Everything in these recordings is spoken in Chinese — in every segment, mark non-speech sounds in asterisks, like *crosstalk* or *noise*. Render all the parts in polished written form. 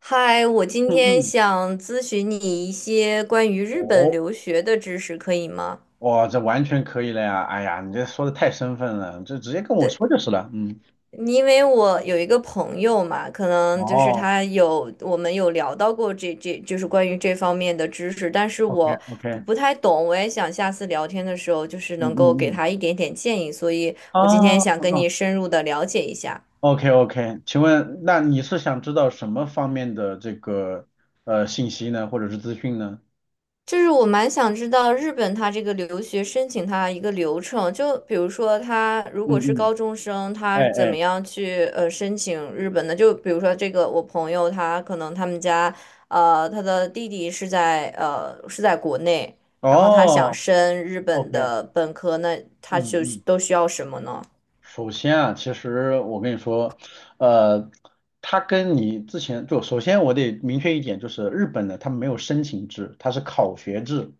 嗨，我今嗯天嗯，想咨询你一些关于日本哦，留学的知识，可以吗？哇，这完全可以了呀！哎呀，你这说的太生分了，这直接跟我对，说就是了。嗯，因为我有一个朋友嘛，可能就是哦他有，我们有聊到过这，就是关于这方面的知识，但是，OK 我 OK，不太懂，我也想下次聊天的时候，就是嗯能够嗯给嗯，他一点点建议，所以哦我今天想跟哦你深入的了解一下。，OK OK，请问，那你是想知道什么方面的这个信息呢，或者是资讯呢？就是我蛮想知道日本它这个留学申请它一个流程，就比如说他如嗯果是嗯，高中生，哎他怎么哎，样去申请日本的？就比如说这个我朋友他可能他们家他的弟弟是在是在国内，然后他想哦升日本，OK，的本科，那他嗯就嗯。都需要什么呢？首先啊，其实我跟你说，呃，它跟你之前就首先我得明确一点，就是日本的它没有申请制，它是考学制，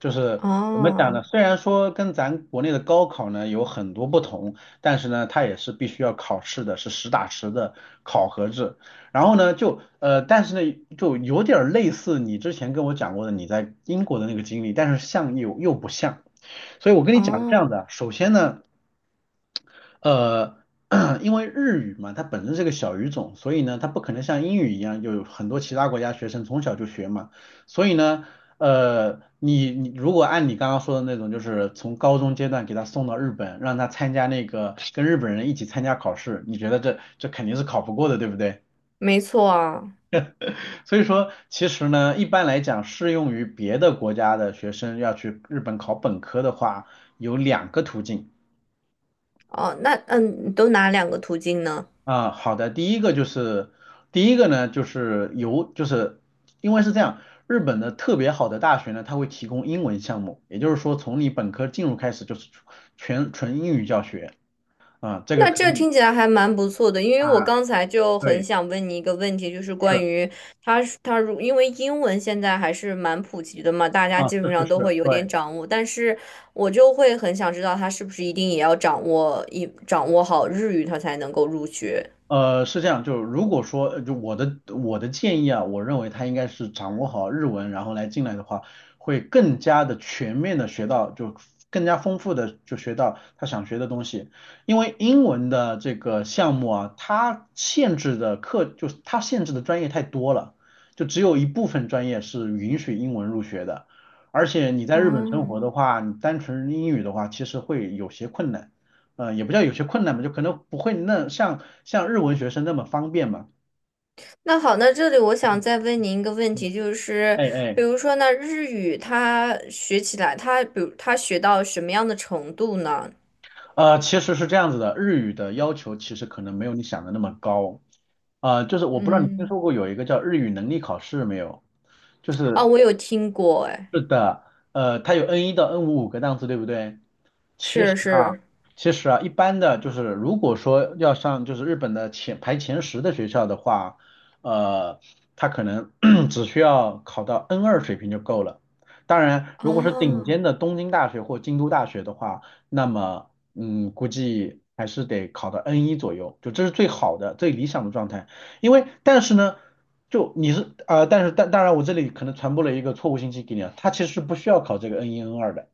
就是怎么讲哦呢？虽然说跟咱国内的高考呢有很多不同，但是呢，它也是必须要考试的，是实打实的考核制。然后呢，就但是呢，就有点儿类似你之前跟我讲过的你在英国的那个经历，但是像又不像。所以我跟你讲是这样哦，的，首先呢。呃，*clears throat* 因为日语嘛，它本身是个小语种，所以呢，它不可能像英语一样有很多其他国家学生从小就学嘛。所以呢，你如果按你刚刚说的那种，就是从高中阶段给他送到日本，让他参加那个跟日本人一起参加考试，你觉得这肯定是考不过的，对不对？没错啊，*laughs* 所以说，其实呢，一般来讲，适用于别的国家的学生要去日本考本科的话，有两个途径。哦，那嗯，你都哪两个途径呢？啊，好的，第一个呢，就是由就是因为是这样，日本的特别好的大学呢，它会提供英文项目，也就是说从你本科进入开始就是全纯英语教学啊，这个那肯这定，听起来还蛮不错的，因为啊，我刚才就很对，想问你一个问题，就是关是于他他它如因为英文现在还是蛮普及的嘛，大家啊，基是本是上都是，会有点对。掌握，但是我就会很想知道他是不是一定也要掌握好日语，他才能够入学。是这样，就是如果说，就我的建议啊，我认为他应该是掌握好日文，然后来进来的话，会更加的全面的学到，就更加丰富的就学到他想学的东西。因为英文的这个项目啊，它限制的课就是它限制的专业太多了，就只有一部分专业是允许英文入学的。而且你在日本生活哦，的话，你单纯英语的话，其实会有些困难。也不叫有些困难吧，就可能不会那像日文学生那么方便嘛。那好，那这里我想嗯再问您一个问嗯题，就是哎哎，比如说那日语他学起来，他比如他学到什么样的程度呢？其实是这样子的，日语的要求其实可能没有你想的那么高，就是我不知道你听嗯，说过有一个叫日语能力考试没有？就哦，是我有听过，哎是的，它有 N 一到 N55个档次，对不对？是啊，是，其实啊，一般的就是，如果说要上就是日本的前排前十的学校的话，呃，他可能 *clears throat* 只需要考到 N2水平就够了。当然，如果是顶哦尖的东京大学或京都大学的话，那么嗯，估计还是得考到 n 一左右，就这是最好的、最理想的状态。因为但是呢，就你是但是当然我这里可能传播了一个错误信息给你啊，他其实是不需要考这个 n 一 n 二的。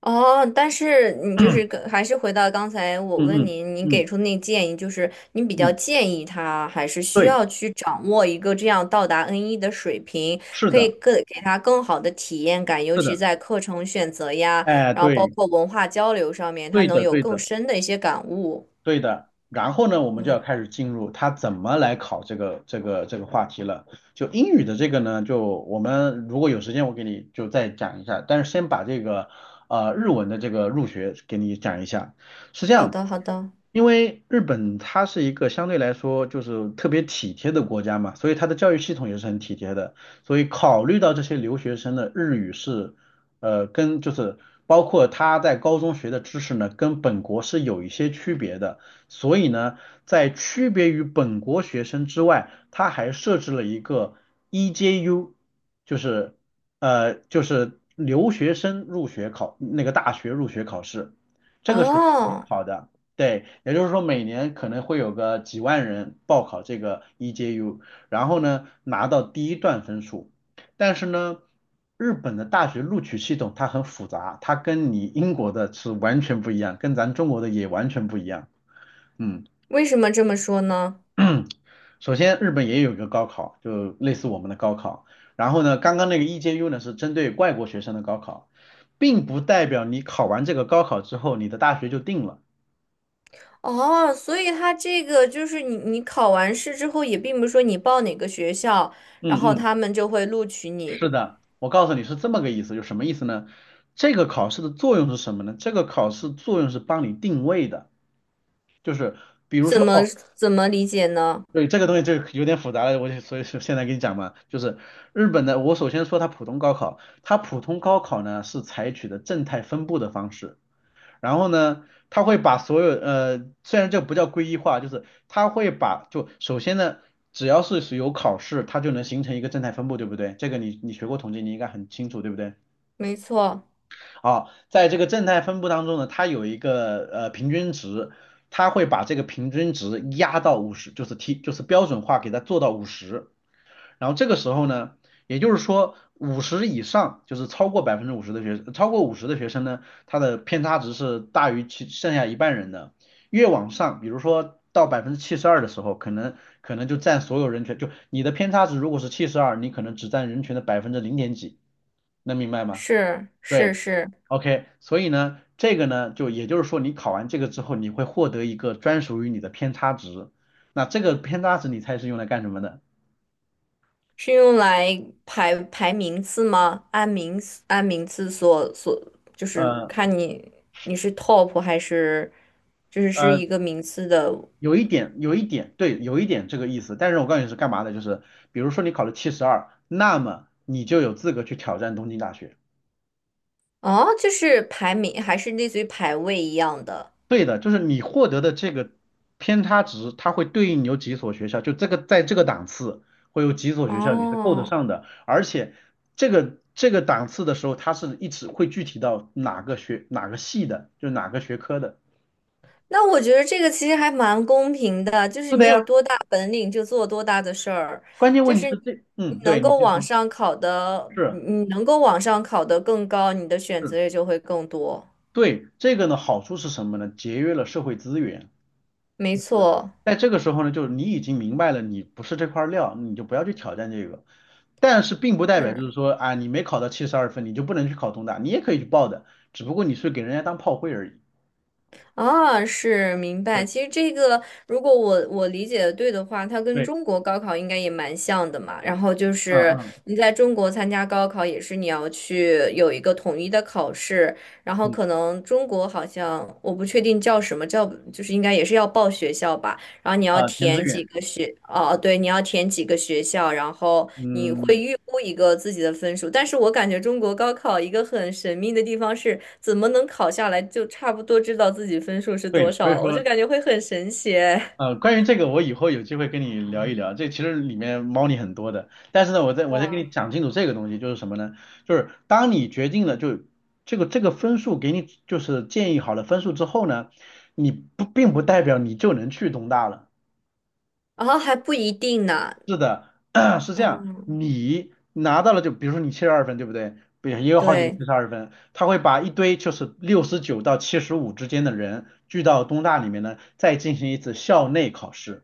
哦，但是你就是 *coughs* 跟 *clears throat* 还是回到刚才嗯我问嗯您，您嗯给嗯。出那建议，就是您比较嗯建议他还是需对，要去掌握一个这样到达 N1 的水平，是可以的，更给他更好的体验感，尤是其的，在课程选择呀，哎，然后包对，括文化交流上面，他对能的，有对更的，深的一些感悟。对的。然后呢，我们就要开始进入他怎么来考这个这个这个话题了。就英语的这个呢，就我们如果有时间，我给你就再讲一下。但是先把这个日文的这个入学给你讲一下。是这好样，的，好的。因为日本它是一个相对来说就是特别体贴的国家嘛，所以它的教育系统也是很体贴的。所以考虑到这些留学生的日语是跟就是包括他在高中学的知识呢，跟本国是有一些区别的，所以呢，在区别于本国学生之外，他还设置了一个 EJU，就是就是留学生入学考那个大学入学考试，这个是统一哦，考的。对，也就是说每年可能会有个几万人报考这个 EJU，然后呢拿到第一段分数，但是呢，日本的大学录取系统它很复杂，它跟你英国的是完全不一样，跟咱中国的也完全不一样。嗯，为什么这么说呢？*clears throat* 首先日本也有一个高考，就类似我们的高考。然后呢，刚刚那个 EJU 呢是针对外国学生的高考，并不代表你考完这个高考之后，你的大学就定了。哦，所以他这个就是你，你考完试之后，也并不是说你报哪个学校，然嗯后嗯，他们就会录取你，是的，我告诉你是这么个意思，就什么意思呢？这个考试的作用是什么呢？这个考试作用是帮你定位的，就是比如怎说，么哦，怎么理解呢？对，这个东西就有点复杂了，我就所以说现在跟你讲嘛，就是日本的，我首先说它普通高考，它普通高考呢是采取的正态分布的方式，然后呢，它会把所有虽然这不叫归一化，就是它会把就首先呢，只要是有考试，它就能形成一个正态分布，对不对？这个你你学过统计，你应该很清楚，对不对？没错，啊，在这个正态分布当中呢，它有一个平均值，它会把这个平均值压到五十，就是 T，就是标准化给它做到五十，然后这个时候呢，也就是说五十以上，就是超过五十的学生呢，它的偏差值是大于其剩下一半人的，越往上，比如说到72%的时候，可能就占所有人群，就你的偏差值如果是七十二，你可能只占人群的百分之零点几，能明白吗？是是对。是，OK，所以呢，这个呢，就也就是说，你考完这个之后，你会获得一个专属于你的偏差值。那这个偏差值，你猜是用来干什么的？是用来排排名次吗？按名次按名次，就是呃看你你是 top 还是就是是呃，一个名次的，有一点，有一点，对，有一点这个意思。但是我告诉你是干嘛的，就是比如说你考了七十二，那么你就有资格去挑战东京大学。哦，就是排名还是类似于排位一样的，对的，就是你获得的这个偏差值，它会对应有几所学校，就这个在这个档次会有几所学校你是够得哦。上的，而且这个这个档次的时候，它是一直会具体到哪个学哪个系的，就是哪个学科的。那我觉得这个其实还蛮公平的，就是是的你有呀，多大本领就做多大的事儿，关键就问题是是你这，你嗯，对，能你够就往说上考的，你是你能够往上考的更高，你的选是，择也就会更多。对，这个呢好处是什么呢？节约了社会资源，没就是错，在这个时候呢，就是你已经明白了你不是这块料，你就不要去挑战这个。但是并不代表是。就是说啊，你没考到七十二分，你就不能去考东大，你也可以去报的，只不过你是给人家当炮灰而已。啊，是明白。对其实这个，如果我理解的对的话，它跟对，中国高考应该也蛮像的嘛。然后就嗯是嗯你在中国参加高考，也是你要去有一个统一的考试，然后嗯，可能中国好像我不确定叫什么，叫就是应该也是要报学校吧。然后你要啊、填志填愿，几个学，哦，对，你要填几个学校，然后你会嗯，预估一个自己的分数。但是我感觉中国高考一个很神秘的地方是，怎么能考下来就差不多知道自己分数是多对，所以少了？我就说，感觉会很神奇 关于这个，我以后有机会跟你聊一聊，这其实里面猫腻很多的。但是呢，我再 *laughs* 我再跟你哇，讲清楚这个东西，就是什么呢？就是当你决定了就这个这个分数给你就是建议好了分数之后呢，你不并不代表你就能去东大了。然后还不一定呢，是的，*clears throat* 是这样，嗯，你拿到了就比如说你七十二分，对不对？不也有好几个对，七十二分，他会把一堆就是69到75之间的人聚到东大里面呢，再进行一次校内考试。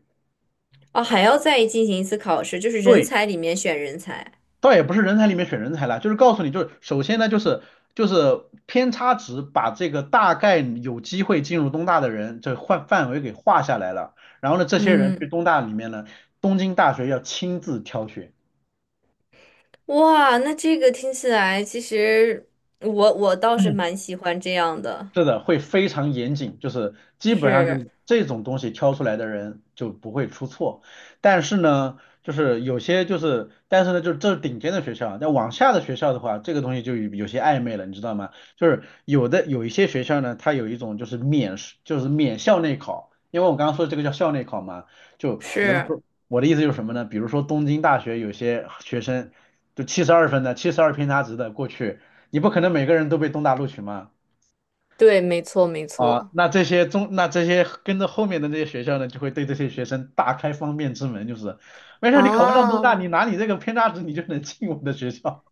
哦，还要再进行一次考试，就是人对，才里面选人才，倒也不是人才里面选人才啦，就是告诉你，就是首先呢，就是就是偏差值把这个大概有机会进入东大的人这范围给划下来了，然后呢，这些人去嗯，东大里面呢，东京大学要亲自挑选。哇，那这个听起来其实我倒是蛮喜欢这样的，是的，会非常严谨，就是基本上就是。是这种东西挑出来的人就不会出错。但是呢，就是有些就是，但是呢，就是这是顶尖的学校啊，但往下的学校的话，这个东西就有有些暧昧了，你知道吗？就是有一些学校呢，它有一种就是免试就是免校内考，因为我刚刚说的这个叫校内考嘛，就比如是，说我的意思就是什么呢？比如说东京大学有些学生就七十二分的、七十二偏差值的过去，你不可能每个人都被东大录取嘛。对，没错，没啊、错。那这些中，那这些跟着后面的那些学校呢，就会对这些学生大开方便之门，就是没事儿，你考不上东大，你啊，拿你这个偏差值，你就能进我们的学校。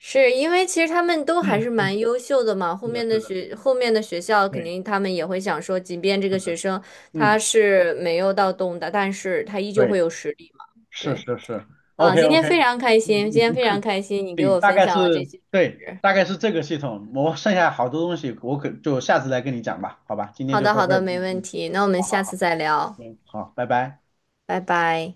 是因为其实他们都还是 *laughs* 嗯，蛮优秀的嘛。后是的，面的是的，学，后面的学校肯对，定他们也会想说，即便这是个学的，生他嗯，是没有到东大，但是他依旧对，会有实力嘛。是对，是是啊，，OK 今天 OK，非常开嗯心，今天嗯非嗯，常开心，你给对我大分概享了这是些。对，大概是这个系统。我剩下好多东西，我可就下次再跟你讲吧，好吧，今天好就的，到好这儿的，了。没嗯问嗯，题。那我们下次再聊，对，好，拜拜。拜拜。